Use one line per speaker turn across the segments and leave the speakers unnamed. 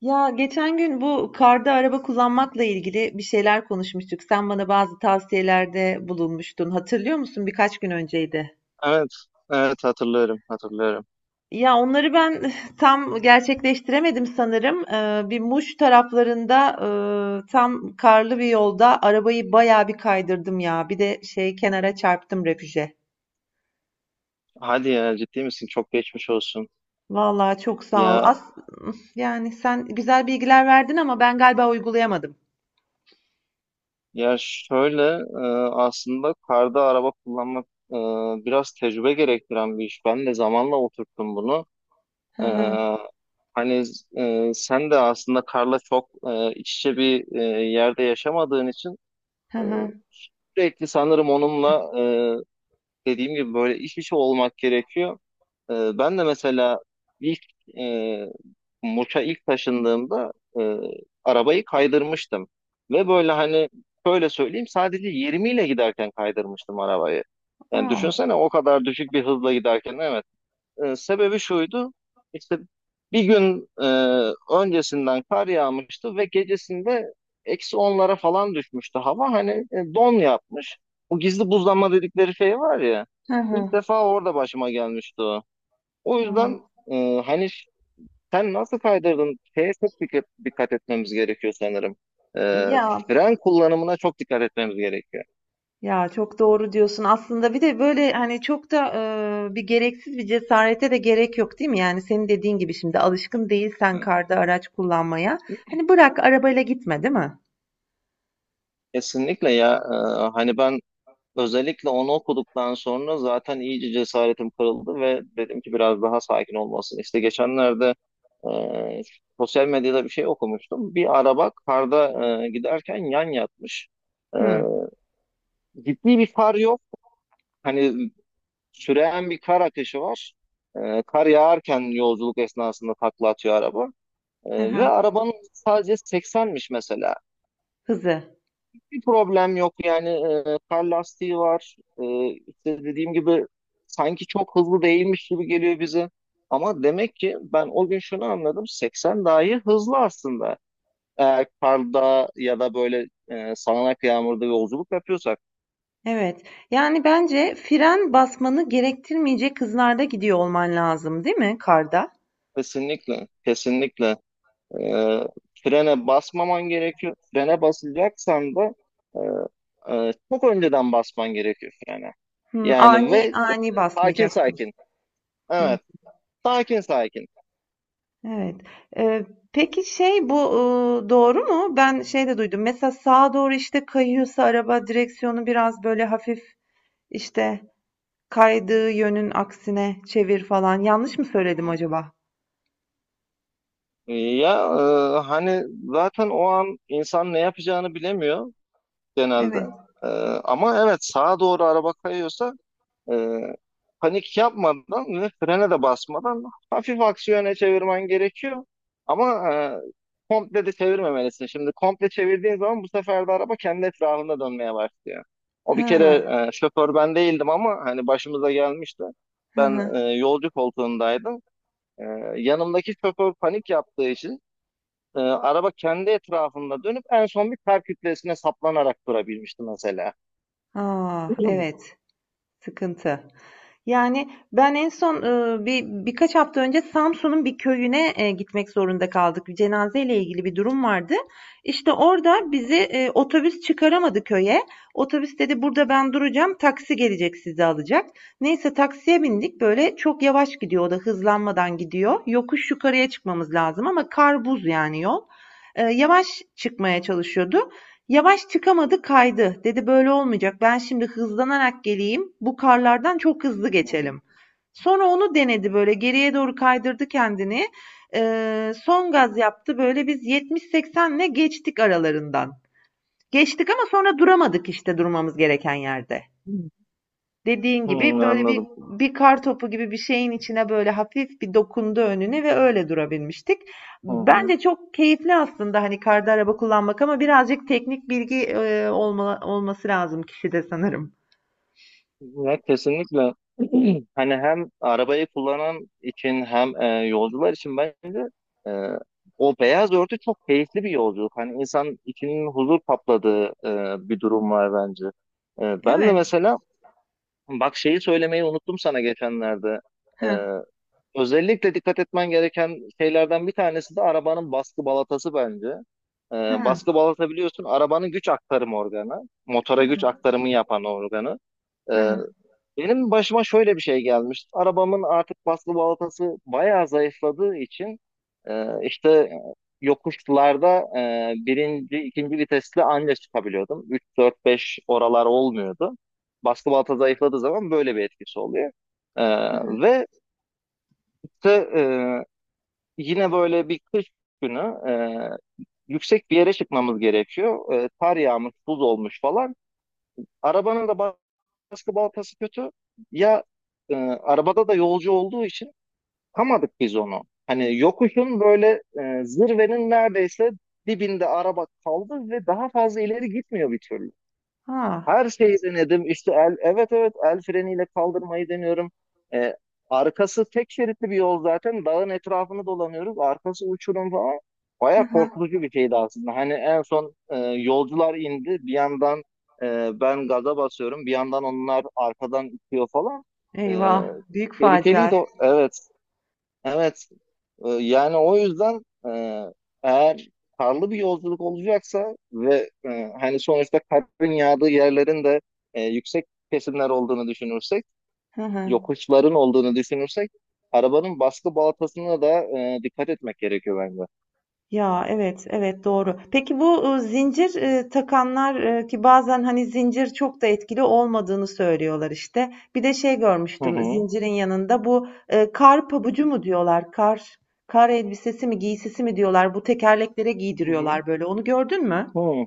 Ya geçen gün bu karda araba kullanmakla ilgili bir şeyler konuşmuştuk. Sen bana bazı tavsiyelerde bulunmuştun. Hatırlıyor musun? Birkaç gün önceydi.
Evet, evet hatırlıyorum, hatırlıyorum.
Ya onları ben tam gerçekleştiremedim sanırım. Bir Muş taraflarında tam karlı bir yolda arabayı bayağı bir kaydırdım ya. Bir de şey kenara çarptım refüje.
Hadi ya ciddi misin? Çok geçmiş olsun.
Vallahi çok sağ ol.
Ya
As yani sen güzel bilgiler verdin ama ben galiba uygulayamadım.
ya şöyle e, aslında karda araba kullanmak e, biraz tecrübe gerektiren bir iş. Ben de zamanla oturttum bunu.
Hı
E,
hı
hani sen de aslında karla çok iç içe bir yerde yaşamadığın için
hı
e,
hı.
sürekli sanırım onunla dediğim gibi böyle iç içe olmak gerekiyor. Ben de mesela ilk e, Muş'a ilk taşındığımda e, arabayı kaydırmıştım. Ve böyle hani şöyle söyleyeyim, sadece 20 ile giderken kaydırmıştım arabayı. Yani
Aa,
düşünsene o kadar düşük bir hızla giderken, evet sebebi şuydu. İşte bir gün öncesinden kar yağmıştı ve gecesinde eksi onlara falan düşmüştü hava. Hani don yapmış. Bu gizli buzlanma dedikleri şey var ya.
hı
İlk
hı.
defa orada başıma gelmişti o. O
Aa.
yüzden hani sen nasıl kaydırdın? Şeye çok dikkat etmemiz gerekiyor sanırım. E,
Ya
fren kullanımına çok dikkat etmemiz gerekiyor.
ya çok doğru diyorsun. Aslında bir de böyle hani çok da bir gereksiz bir cesarete de gerek yok değil mi? Yani senin dediğin gibi şimdi alışkın değilsen karda araç kullanmaya. Hani bırak arabayla gitme değil mi?
Kesinlikle ya. Hani ben özellikle onu okuduktan sonra zaten iyice cesaretim kırıldı ve dedim ki biraz daha sakin olmasın. İşte geçenlerde e, sosyal medyada bir şey okumuştum. Bir araba karda giderken yan yatmış. E,
Hı.
ciddi bir far yok. Hani süren bir kar akışı var. Kar yağarken yolculuk esnasında takla atıyor araba.
Hı
Ve
hı.
arabanın sadece 80'miş mesela.
Hızı.
Bir problem yok yani, kar lastiği var. İşte dediğim gibi sanki çok hızlı değilmiş gibi geliyor bize ama demek ki ben o gün şunu anladım, 80 dahi hızlı aslında eğer karda ya da böyle sağanak yağmurda yolculuk yapıyorsak.
Evet. Yani bence fren basmanı gerektirmeyecek hızlarda gidiyor olman lazım değil mi karda?
Kesinlikle, kesinlikle e, frene basmaman gerekiyor. Frene basacaksan da çok önceden basman gerekiyor frene.
Hı.
Yani ve
Ani
e,
ani
sakin
basmayacaksın.
sakin,
Hı.
evet, sakin sakin.
Evet. Eee, peki şey bu, doğru mu? Ben şey de duydum. Mesela sağa doğru işte kayıyorsa araba direksiyonu biraz böyle hafif işte kaydığı yönün aksine çevir falan. Yanlış mı söyledim acaba?
Ya hani zaten o an insan ne yapacağını bilemiyor genelde.
Evet.
E, ama evet, sağa doğru araba kayıyorsa e, panik yapmadan ve frene de basmadan hafif aksiyona çevirmen gerekiyor. Ama komple de çevirmemelisin. Şimdi komple çevirdiğin zaman bu sefer de araba kendi etrafında dönmeye başlıyor. O bir kere
Ha.
şoför ben değildim ama hani başımıza gelmişti.
Hı hı.
Ben yolcu koltuğundaydım. Ee, yanımdaki şoför panik yaptığı için araba kendi etrafında dönüp en son bir kar kütlesine saplanarak durabilmişti mesela.
A!
Hı
Evet. Sıkıntı. Yani, ben en son, birkaç hafta önce Samsun'un bir köyüne, gitmek zorunda kaldık. Bir cenazeyle ilgili bir durum vardı. İşte, orada bizi, otobüs çıkaramadı köye. Otobüs dedi, "Burada ben duracağım, taksi gelecek sizi alacak." Neyse taksiye bindik. Böyle çok yavaş gidiyor o da, hızlanmadan gidiyor. Yokuş yukarıya çıkmamız lazım ama kar buz yani yol. Yavaş çıkmaya çalışıyordu. Yavaş çıkamadı, kaydı. Dedi böyle olmayacak, ben şimdi hızlanarak geleyim, bu karlardan çok hızlı
hı,
geçelim. Sonra onu denedi böyle geriye doğru kaydırdı kendini. Son
hı
gaz yaptı böyle biz 70-80'le geçtik aralarından. Geçtik ama sonra duramadık işte durmamız gereken yerde.
hı.
Dediğin
Hı,
gibi böyle bir
anladım.
bir kar topu gibi bir şeyin içine böyle hafif bir dokundu önüne ve öyle durabilmiştik.
Hı hı.
Bence çok keyifli aslında hani karda araba kullanmak ama birazcık teknik bilgi olması lazım kişide sanırım.
Ya kesinlikle, hani hem arabayı kullanan için hem yolcular için bence e, o beyaz örtü çok keyifli bir yolculuk. Hani insan içinin huzur kapladığı bir durum var bence. Ben de
Evet.
mesela, bak şeyi söylemeyi unuttum sana geçenlerde. E,
Hı.
Özellikle dikkat etmen gereken şeylerden bir tanesi de arabanın baskı balatası bence. Ee,
Hı.
baskı balata biliyorsun, arabanın güç aktarım organı. Motora güç aktarımı yapan organı.
Hı
Ee,
hı.
benim başıma şöyle bir şey gelmişti. Arabamın artık baskı balatası bayağı zayıfladığı için işte yokuşlarda birinci, ikinci vitesle anca çıkabiliyordum. 3 4 5 oralar olmuyordu. Baskı balata zayıfladığı zaman böyle bir etkisi oluyor. Ee, ve işte, e, yine böyle bir kış günü e, yüksek bir yere çıkmamız gerekiyor. Kar yağmış, buz olmuş falan. Arabanın da baskı baltası kötü. Ya arabada da yolcu olduğu için kamadık biz onu. Hani yokuşun böyle zirvenin neredeyse dibinde araba kaldı ve daha fazla ileri gitmiyor bir türlü.
Ha.
Her şeyi denedim. İşte evet evet el freniyle kaldırmayı deniyorum. Ee, arkası tek şeritli bir yol zaten. Dağın etrafını dolanıyoruz. Arkası uçurum falan.
Hı
Baya
hı.
korkutucu bir şeydi aslında. Hani en son yolcular indi. Bir yandan ben gaza basıyorum, bir yandan onlar arkadan itiyor falan. E,
Eyvah. Büyük facia.
tehlikeliydi. Evet. Evet. Yani o yüzden eğer karlı bir yolculuk olacaksa ve hani sonuçta karın yağdığı yerlerin de yüksek kesimler olduğunu düşünürsek,
Hı hı.
yokuşların olduğunu düşünürsek, arabanın baskı baltasına da dikkat etmek gerekiyor bence.
Ya evet, evet doğru. Peki bu zincir, takanlar, ki bazen, hani, zincir çok da etkili olmadığını söylüyorlar, işte. Bir de şey
Hı
görmüştüm
hı.
zincirin yanında bu, kar pabucu mu diyorlar, kar elbisesi mi, giysisi mi diyorlar, bu tekerleklere
Hı hı.
giydiriyorlar böyle. Onu gördün mü?
Hı.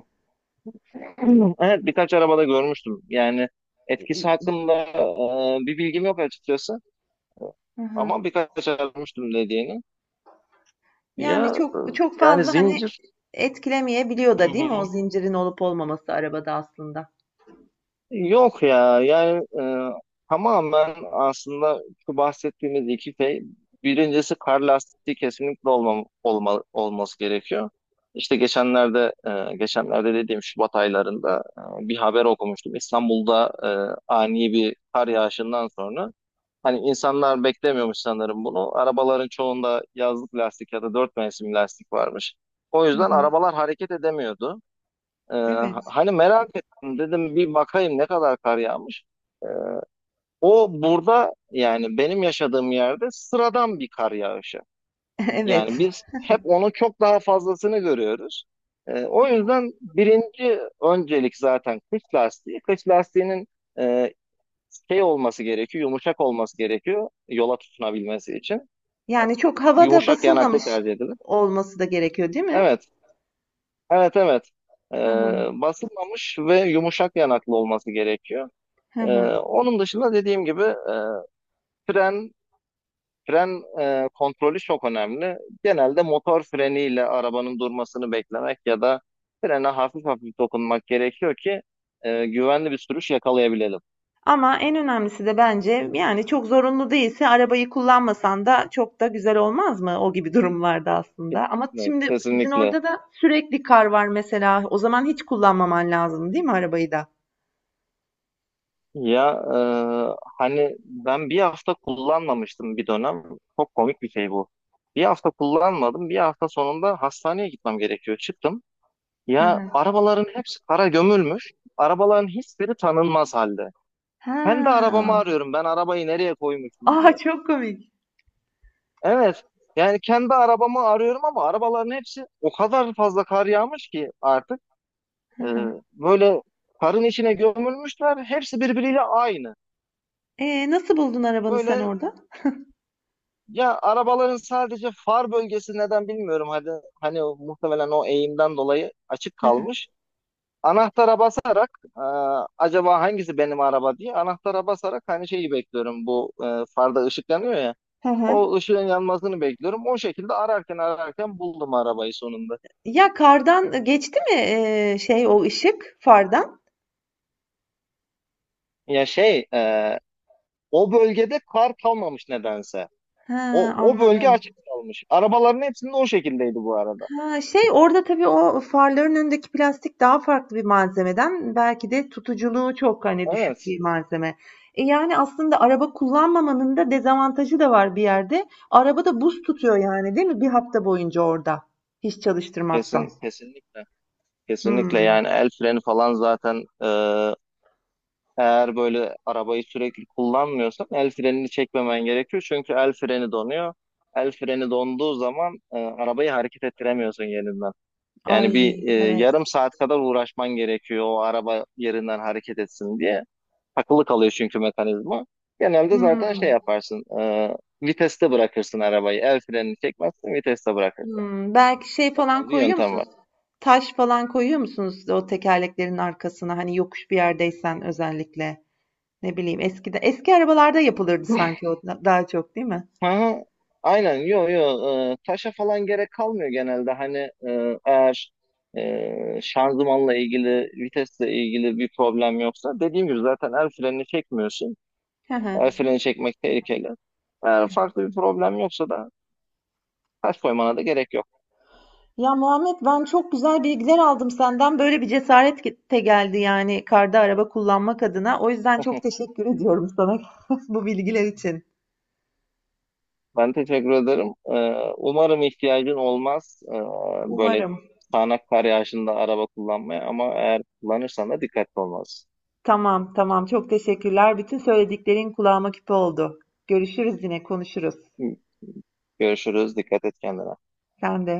Evet, birkaç arabada görmüştüm. Yani etkisi hakkında bir bilgim yok açıkçası,
Hı hı.
ama birkaç arabada görmüştüm dediğini.
Yani
Ya
çok çok
yani
fazla, hani,
zincir.
etkilemeyebiliyor
Hı
da değil mi o
hı.
zincirin olup olmaması arabada aslında?
Yok ya, yani tamamen aslında şu bahsettiğimiz iki şey: birincisi kar lastiği kesinlikle olması gerekiyor. İşte geçenlerde, geçenlerde dediğim Şubat aylarında bir haber okumuştum. İstanbul'da ani bir kar yağışından sonra hani insanlar beklemiyormuş sanırım bunu. Arabaların çoğunda yazlık lastik ya da dört mevsim lastik varmış. O
Hı
yüzden
hı.
arabalar hareket edemiyordu. Ee,
Evet.
hani merak ettim, dedim bir bakayım ne kadar kar yağmış. Ee, o burada, yani benim yaşadığım yerde sıradan bir kar yağışı.
Evet.
Yani biz hep onun çok daha fazlasını görüyoruz. O yüzden birinci öncelik zaten kış lastiği. Kış lastiğinin e, şey olması gerekiyor, yumuşak olması gerekiyor yola tutunabilmesi için.
Yani çok havada
Yumuşak yanaklı
basılmamış
tercih edilir.
olması da gerekiyor, değil mi?
Evet, evet, evet.
Hı hı.
Basılmamış ve yumuşak yanaklı olması gerekiyor.
Hı
Ee,
hı.
onun dışında dediğim gibi, fren fren kontrolü çok önemli. Genelde motor freniyle arabanın durmasını beklemek ya da frene hafif hafif dokunmak gerekiyor ki güvenli bir sürüş yakalayabilelim.
Ama en önemlisi de bence yani çok zorunlu değilse arabayı kullanmasan da çok da güzel olmaz mı o gibi durumlarda aslında. Ama
Kesinlikle,
şimdi sizin
kesinlikle.
orada da sürekli kar var mesela. O zaman hiç kullanmaman lazım, değil mi arabayı da?
Ya hani ben bir hafta kullanmamıştım bir dönem. Çok komik bir şey bu. Bir hafta kullanmadım. Bir hafta sonunda hastaneye gitmem gerekiyor. Çıktım. Ya, arabaların hepsi kara gömülmüş. Arabaların hiçbiri tanınmaz halde. Ben de
Ha.
arabamı arıyorum, ben arabayı nereye koymuşum
A,
diye.
çok komik.
Evet. Yani kendi arabamı arıyorum ama arabaların hepsi o kadar fazla kar yağmış ki artık
Hı
e,
hı.
böyle karın içine gömülmüşler. Hepsi birbiriyle aynı.
Nasıl buldun arabanı sen
Böyle,
orada?
ya, arabaların sadece far bölgesi, neden bilmiyorum. Hadi hani muhtemelen o eğimden dolayı açık
Hı hı.
kalmış. Anahtara basarak, e, acaba hangisi benim araba diye anahtara basarak hani şeyi bekliyorum. Bu farda ışıklanıyor ya.
Hı hı.
O ışığın yanmasını bekliyorum. O şekilde ararken ararken buldum arabayı sonunda.
Ya kardan geçti mi şey o ışık fardan?
Ya şey, o bölgede kar kalmamış nedense.
He,
O bölge
anladım.
açık kalmış. Arabaların hepsinde o şekildeydi bu arada.
Ha, şey orada tabii o farların önündeki plastik daha farklı bir malzemeden belki de tutuculuğu çok hani düşük
Evet.
bir malzeme. E, yani aslında araba kullanmamanın da dezavantajı da var bir yerde. Araba da buz tutuyor yani değil mi? Bir hafta boyunca orada. Hiç çalıştırmazsan.
Kesin, kesinlikle. Kesinlikle,
Hmm.
yani el freni falan zaten eğer böyle arabayı sürekli kullanmıyorsan el frenini çekmemen gerekiyor. Çünkü el freni donuyor. El freni donduğu zaman arabayı hareket ettiremiyorsun yerinden. Yani
Ay
bir
evet.
yarım saat kadar uğraşman gerekiyor o araba yerinden hareket etsin diye. Takılı kalıyor çünkü mekanizma. Genelde zaten
Hımm.
şey yaparsın, viteste bırakırsın arabayı. El frenini çekmezsin, viteste bırakırsın.
Hımm. Belki şey
O
falan
tarz bir
koyuyor
yöntem
musunuz?
var.
Taş falan koyuyor musunuz o tekerleklerin arkasına? Hani yokuş bir yerdeysen özellikle. Ne bileyim eskide eski arabalarda yapılırdı sanki o da daha çok değil mi?
Aha, aynen, yo yo, taşa falan gerek kalmıyor genelde. Hani eğer şanzımanla ilgili, vitesle ilgili bir problem yoksa dediğim gibi zaten el frenini çekmiyorsun.
Hı hı.
El freni çekmek tehlikeli. Eğer farklı bir problem yoksa da taş koymana da gerek yok.
Ya Muhammed ben çok güzel bilgiler aldım senden. Böyle bir cesaret ge- de geldi yani karda araba kullanmak adına. O yüzden çok teşekkür ediyorum sana bu bilgiler için.
Ben teşekkür ederim. Umarım ihtiyacın olmaz, böyle
Umarım.
sağanak kar yağışında araba kullanmaya, ama eğer kullanırsan da dikkatli olmalısın.
Tamam tamam çok teşekkürler. Bütün söylediklerin kulağıma küpe oldu. Görüşürüz yine konuşuruz.
Görüşürüz. Dikkat et kendine.
Sen de.